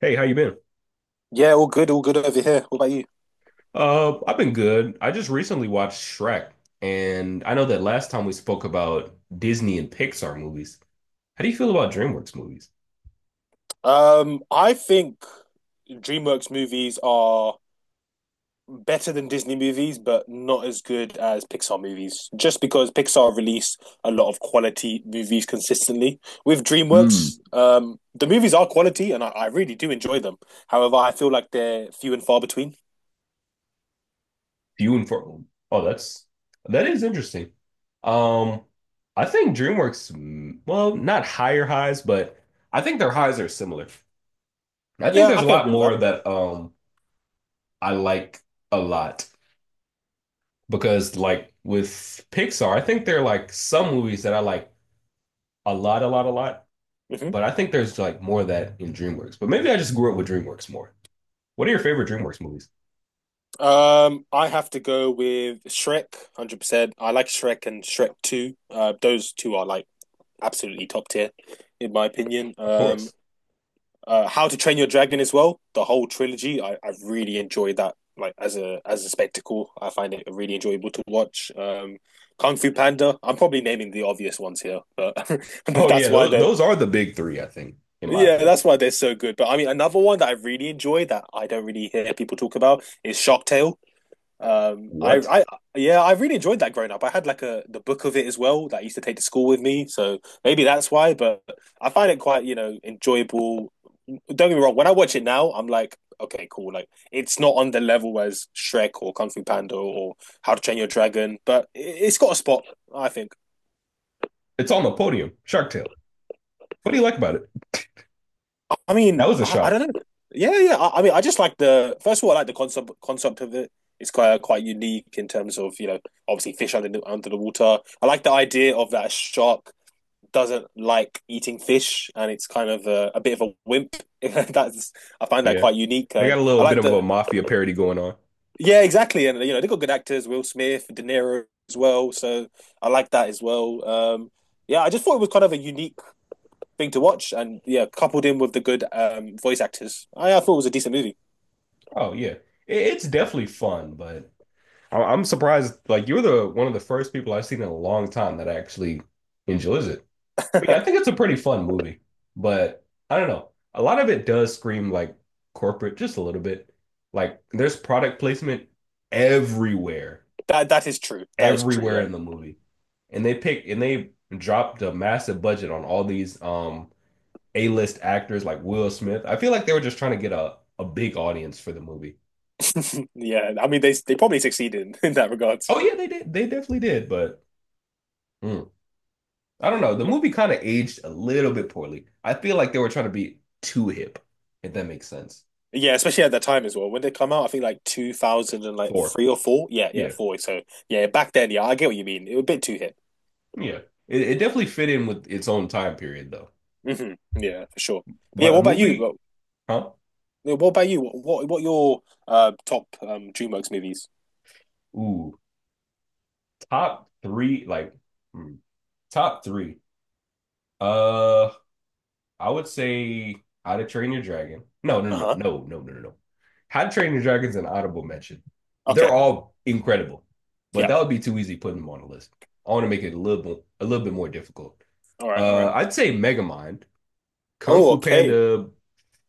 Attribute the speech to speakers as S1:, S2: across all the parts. S1: Hey, how you been?
S2: Yeah, all good over here. What about you?
S1: I've been good. I just recently watched Shrek, and I know that last time we spoke about Disney and Pixar movies. How do you feel about DreamWorks movies?
S2: I think DreamWorks movies are better than Disney movies, but not as good as Pixar movies. Just because Pixar release a lot of quality movies consistently. With
S1: Mm.
S2: DreamWorks, the movies are quality, and I really do enjoy them. However, I feel like they're few and far between.
S1: Few and far. Oh, that is interesting. Um, I think DreamWorks, well, not higher highs, but I think their highs are similar. I think
S2: Yeah,
S1: there's
S2: I
S1: a
S2: can
S1: lot
S2: agree with that.
S1: more that I like a lot because like with Pixar, I think there are like some movies that I like a lot, a lot, a lot.
S2: Hmm.
S1: But I think there's like more of that in DreamWorks. But maybe I just grew up with DreamWorks more. What are your favorite DreamWorks movies?
S2: I have to go with Shrek, 100%. I like Shrek and Shrek 2. Those two are like absolutely top tier, in my opinion.
S1: Of course.
S2: How to Train Your Dragon as well, the whole trilogy. I really enjoyed that, like as a spectacle. I find it really enjoyable to watch. Kung Fu Panda. I'm probably naming the obvious ones here, but
S1: Oh
S2: that's
S1: yeah,
S2: why
S1: those,
S2: they're
S1: those are the big three, I think, in my
S2: yeah,
S1: opinion.
S2: that's why they're so good. But I mean, another one that I really enjoy that I don't really hear people talk about is Shark Tale. Um, I,
S1: What?
S2: I, yeah, I really enjoyed that growing up. I had like a the book of it as well that I used to take to school with me, so maybe that's why. But I find it quite, enjoyable. Don't get me wrong. When I watch it now, I'm like, okay, cool. Like it's not on the level as Shrek or Kung Fu Panda or How to Train Your Dragon, but it's got a spot, I think.
S1: It's on the podium. Shark Tale. What do you like about it?
S2: I mean,
S1: That was a
S2: I
S1: shock.
S2: don't know. Yeah, yeah. I mean, I just like the first of all, I like the concept of it. It's quite quite unique in terms of, you know, obviously fish under under the water. I like the idea of that shark doesn't like eating fish and it's kind of a bit of a wimp. That's I find that
S1: Yeah,
S2: quite unique
S1: they
S2: and
S1: got a
S2: I
S1: little bit
S2: like
S1: of a
S2: the
S1: mafia parody going on.
S2: Yeah, exactly, and you know they got good actors, Will Smith, De Niro as well. So I like that as well. Yeah, I just thought it was kind of a unique thing to watch, and yeah, coupled in with the good voice actors, I thought it was a decent movie.
S1: Oh yeah, it's definitely fun, but I'm surprised. Like you're the one of the first people I've seen in a long time that actually enjoys it. But yeah, I think it's a pretty fun movie, but I don't know. A lot of it does scream like corporate, just a little bit. Like there's product placement everywhere,
S2: That is true. That is true.
S1: everywhere
S2: Yeah.
S1: in the movie. And they pick and they dropped a massive budget on all these A-list actors like Will Smith. I feel like they were just trying to get a big audience for the movie.
S2: Yeah. I mean, they probably succeeded in that regard.
S1: Oh yeah, they did. They definitely did, but mm, I don't know. The movie kind of aged a little bit poorly. I feel like they were trying to be too hip, if that makes sense.
S2: Yeah, especially at that time as well. When they come out, I think like 2000 and like
S1: Four.
S2: three or four. Yeah, yeah,
S1: Yeah,
S2: four. So yeah, back then, yeah, I get what you mean. It was a bit too hip.
S1: yeah. It definitely fit in with its own time period though.
S2: Hmm. Yeah, for sure. But yeah,
S1: But a
S2: what about you?
S1: movie, huh?
S2: Yeah, what about you? What your top DreamWorks movies?
S1: Ooh, top three, like hmm, top three. Uh, I would say How to Train Your Dragon. No, no, no,
S2: Uh-huh.
S1: no, no, no, no, no. How to Train Your Dragon's an audible mention. They're
S2: Okay.
S1: all incredible, but
S2: Yeah.
S1: that would be too easy putting them on a list. I want to make it a little bit more difficult.
S2: All right. All right.
S1: I'd say Megamind, Kung
S2: Oh,
S1: Fu
S2: okay.
S1: Panda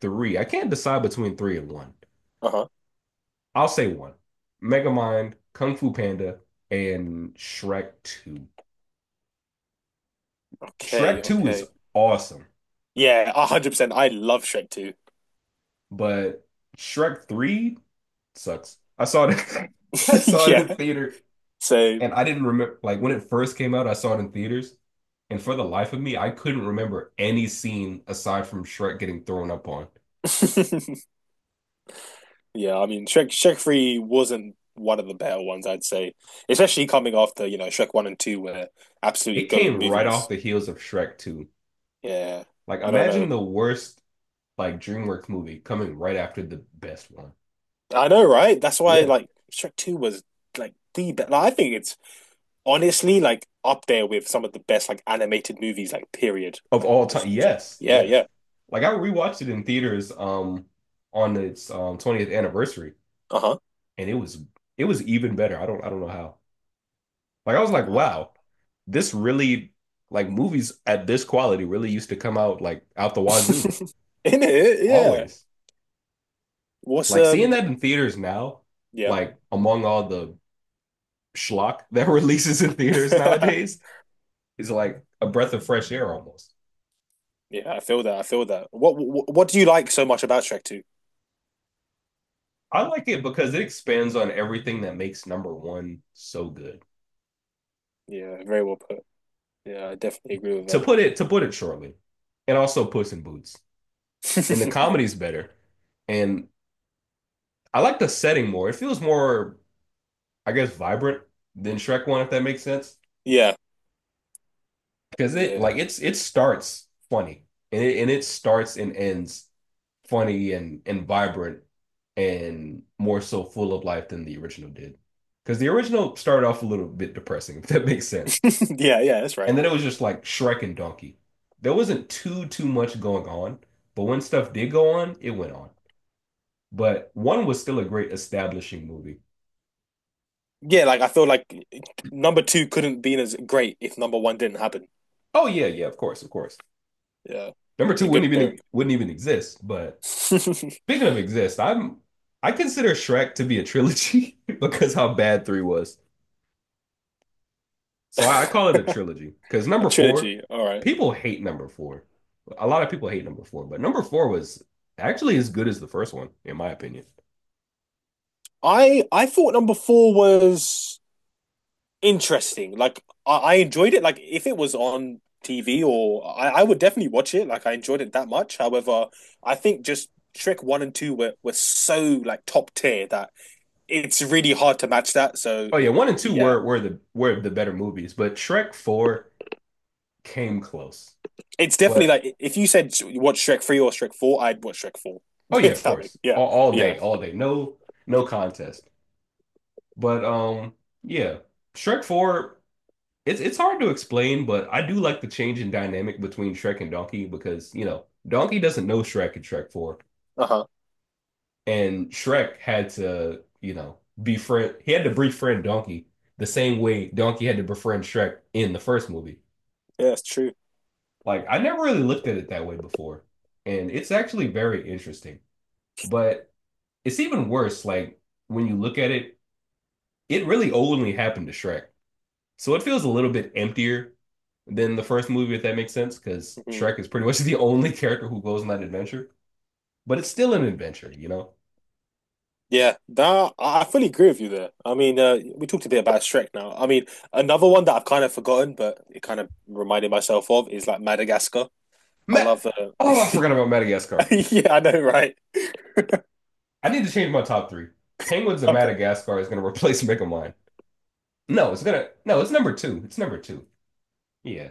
S1: three. I can't decide between three and one.
S2: Uh-huh.
S1: I'll say one. Megamind, Kung Fu Panda, and Shrek 2. Shrek
S2: Okay.
S1: 2 is
S2: Okay.
S1: awesome,
S2: Yeah, 100%. I love Shrek too.
S1: but Shrek 3 sucks. I saw it I saw it
S2: Yeah.
S1: in theater
S2: So
S1: and I didn't remember like when it first came out, I saw it in theaters. And for the life of me, I couldn't remember any scene aside from Shrek getting thrown up on.
S2: yeah, I mean, Shrek 3 wasn't one of the better ones, I'd say. Especially coming after, you know, Shrek 1 and 2 were absolutely
S1: It
S2: goated
S1: came right off
S2: movies.
S1: the heels of Shrek 2.
S2: Yeah,
S1: Like
S2: I don't know.
S1: imagine the worst like DreamWorks movie coming right after the best one.
S2: I know, right? That's why,
S1: Yeah.
S2: like, Shrek 2 was, like, the best. Like, I think it's honestly, like, up there with some of the best, like, animated movies, like, period.
S1: Of
S2: Like,
S1: all time,
S2: just in general.
S1: yes,
S2: Yeah,
S1: yes.
S2: yeah.
S1: Like I rewatched it in theaters on its 20th anniversary,
S2: Uh-huh.
S1: and it was even better. I don't know how. Like I was like,
S2: Man.
S1: wow, this really like movies at this quality really used to come out like out the wazoo
S2: In it, yeah.
S1: always.
S2: What's,
S1: Like seeing
S2: um,
S1: that in theaters now,
S2: yeah.
S1: like among all the schlock that releases in theaters nowadays, is like a breath of fresh air almost.
S2: Yeah, I feel that. I feel that. What do you like so much about Shrek 2?
S1: I like it because it expands on everything that makes number one so good.
S2: Yeah, very well put. Yeah, I definitely agree with
S1: to
S2: that.
S1: put it to put it shortly, and also Puss in Boots. And the
S2: Yeah.
S1: comedy's better, and I like the setting more. It feels more, I guess, vibrant than Shrek One, if that makes sense.
S2: Yeah.
S1: Because
S2: Yeah.
S1: it starts funny, and it starts and ends funny and vibrant and more so full of life than the original did. Because the original started off a little bit depressing, if that makes sense.
S2: Yeah, yeah, that's right.
S1: And then it was just like Shrek and Donkey. There wasn't too much going on, but when stuff did go on, it went on. But one was still a great establishing movie.
S2: Yeah, like I feel like number two couldn't be as great if number one didn't happen.
S1: Oh yeah, yeah, of course, of course.
S2: Yeah.
S1: Number two
S2: The
S1: wouldn't
S2: good
S1: even
S2: pairing.
S1: wouldn't even exist. But speaking of exist, I consider Shrek to be a trilogy because how bad three was. So I call it a trilogy because
S2: A
S1: number four,
S2: trilogy. All right.
S1: people hate number four. A lot of people hate number four, but number four was actually as good as the first one, in my opinion.
S2: I thought number four was interesting. Like I enjoyed it. Like if it was on TV or I would definitely watch it. Like I enjoyed it that much. However, I think just Shrek one and two were so like top tier that it's really hard to match that. So
S1: Oh yeah, one and two
S2: yeah,
S1: were the better movies, but Shrek 4 came close.
S2: it's definitely
S1: But
S2: like if you said watch Shrek three or Shrek four, I'd watch Shrek four.
S1: oh yeah, of course.
S2: Yeah,
S1: All
S2: yeah,
S1: day, all day. No, no contest. But yeah, Shrek 4, it's hard to explain, but I do like the change in dynamic between Shrek and Donkey because Donkey doesn't know Shrek in Shrek 4
S2: uh huh,
S1: and Shrek had to befriend Donkey the same way Donkey had to befriend Shrek in the first movie.
S2: yeah, it's true.
S1: Like I never really looked at it that way before. And it's actually very interesting. But it's even worse, like when you look at it, it really only happened to Shrek. So it feels a little bit emptier than the first movie, if that makes sense, because
S2: Hmm.
S1: Shrek is pretty much the only character who goes on that adventure. But it's still an adventure, you know?
S2: Yeah, that I fully agree with you there. I mean, we talked a bit about Shrek now. I mean, another one that I've kind of forgotten, but it kind of reminded myself of is like Madagascar. I
S1: Ma-
S2: love
S1: oh, I forgot about Madagascar.
S2: yeah, I know, right?
S1: I need to change my top three. Penguins of
S2: Okay.
S1: Madagascar is gonna replace Megamind. No, it's gonna no, it's number two. It's number two. Yeah,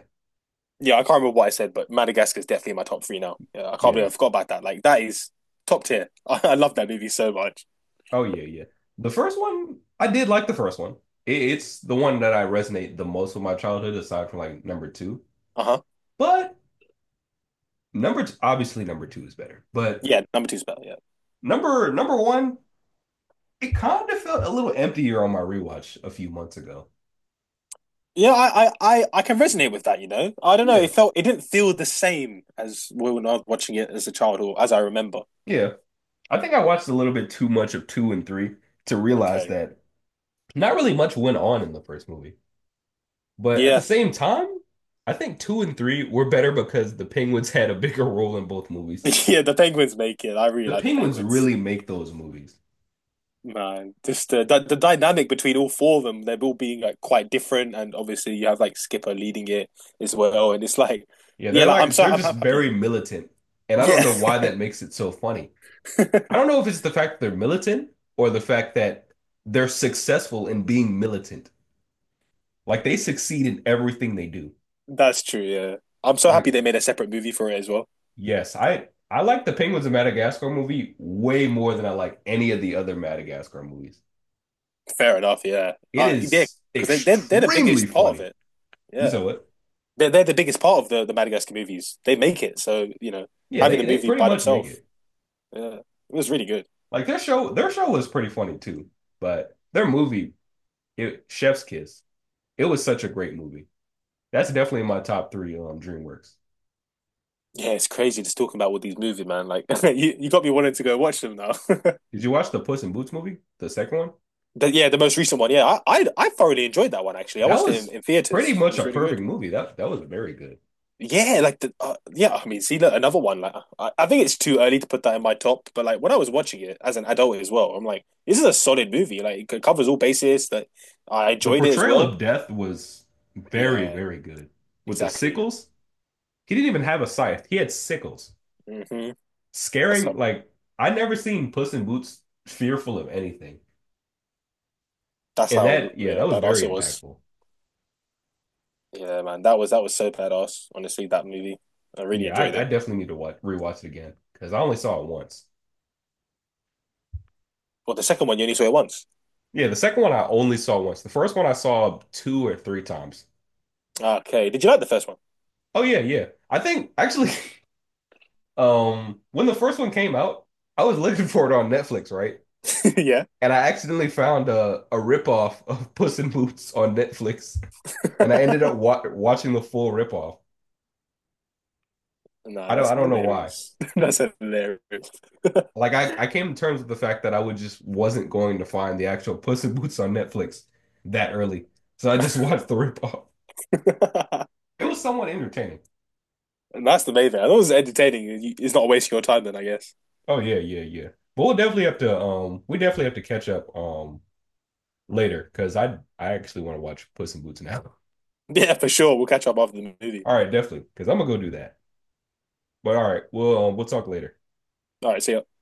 S2: Yeah, I can't remember what I said, but Madagascar is definitely in my top three now. Yeah, I can't believe
S1: yeah.
S2: I forgot about that. Like that is top tier. I love that movie so much.
S1: Oh yeah, yeah. The first one, I did like the first one. It's the one that I resonate the most with my childhood, aside from like number two.
S2: Uh-huh.
S1: But number t obviously number two is better. But
S2: Yeah, number two's better. Yeah,
S1: number one, it kind of felt a little emptier on my rewatch a few months ago.
S2: yeah. I can resonate with that. You know, I don't know.
S1: Yeah,
S2: It felt it didn't feel the same as Will and I was watching it as a child or as I remember.
S1: yeah. I think I watched a little bit too much of two and three to realize
S2: Okay.
S1: that not really much went on in the first movie. But at the
S2: Yeah,
S1: same time, I think two and three were better because the Penguins had a bigger role in both movies.
S2: yeah. The Penguins make it. I really
S1: The
S2: like the
S1: Penguins
S2: Penguins.
S1: really make those movies.
S2: Man, just the dynamic between all four of them, they're all being like quite different, and obviously you have like Skipper leading it as well, and it's like,
S1: Yeah,
S2: yeah,
S1: they're
S2: like
S1: like they're
S2: I'm
S1: just
S2: happy.
S1: very militant, and I don't
S2: Yeah,
S1: know why that makes it so funny. I don't know if it's the fact that they're militant or the fact that they're successful in being militant. Like they succeed in everything they do.
S2: that's true. Yeah, I'm so happy
S1: Like,
S2: they made a separate movie for it as well.
S1: yes, I like the Penguins of Madagascar movie way more than I like any of the other Madagascar movies.
S2: Fair enough. Yeah,
S1: It
S2: yeah,
S1: is
S2: because they're the
S1: extremely
S2: biggest part of
S1: funny.
S2: it.
S1: You
S2: Yeah.
S1: saw it.
S2: They're the biggest part of the Madagascar movies. They make it. So, you know,
S1: Yeah,
S2: having
S1: they
S2: the
S1: they
S2: movie
S1: pretty
S2: by
S1: much make
S2: themselves,
S1: it.
S2: yeah, it was really good.
S1: Like their show was pretty funny too, but their movie, it Chef's Kiss. It was such a great movie. That's definitely my top three DreamWorks.
S2: Yeah, it's crazy just talking about all these movies, man. Like, you got me wanting to go watch them now.
S1: Did you watch the Puss in Boots movie, the second one?
S2: But yeah, the most recent one. Yeah, I thoroughly enjoyed that one, actually. I
S1: That
S2: watched it
S1: was
S2: in
S1: pretty
S2: theaters. It
S1: much
S2: was
S1: a
S2: really good.
S1: perfect movie. That was very good.
S2: Yeah, like, yeah, I mean, see, look, another one. Like, I think it's too early to put that in my top, but like, when I was watching it as an adult as well, I'm like, this is a solid movie. Like, it covers all bases. That I
S1: The
S2: enjoyed it as
S1: portrayal
S2: well.
S1: of death was very,
S2: Yeah,
S1: very good. With the
S2: exactly.
S1: sickles, he didn't even have a scythe. He had sickles.
S2: Hmm. That's
S1: Scaring
S2: how
S1: like I never seen Puss in Boots fearful of anything.
S2: that's
S1: And
S2: how
S1: that, yeah,
S2: yeah,
S1: that was
S2: badass
S1: very
S2: it was.
S1: impactful.
S2: Yeah, man, that was so badass. Honestly, that movie, I really
S1: Yeah, I,
S2: enjoyed
S1: I
S2: it.
S1: definitely need to watch rewatch it again because I only saw it once.
S2: Well, the second one you only saw it once.
S1: Yeah, the second one I only saw once. The first one I saw two or three times.
S2: Okay, did you like the first one?
S1: Oh yeah, yeah. I think actually, when the first one came out, I was looking for it on Netflix, right?
S2: Yeah.
S1: And I accidentally found a ripoff of Puss in Boots on Netflix, and I ended up wa watching the full ripoff.
S2: Nah,
S1: I don't
S2: that's
S1: I don't know why.
S2: hilarious. That's hilarious.
S1: Like I came to terms with the fact that I would just wasn't going to find the actual Puss in Boots on Netflix that early, so I just watched the ripoff. It was somewhat entertaining.
S2: And that's the main thing. I thought it was entertaining. It's not wasting your time then, I guess.
S1: Oh yeah, yeah, yeah. But we definitely have to catch up later because I actually want to watch Puss in Boots now.
S2: Yeah, for sure. We'll catch up after the movie.
S1: All right, definitely because I'm gonna go do that. But all right, we'll talk later.
S2: All right, see ya.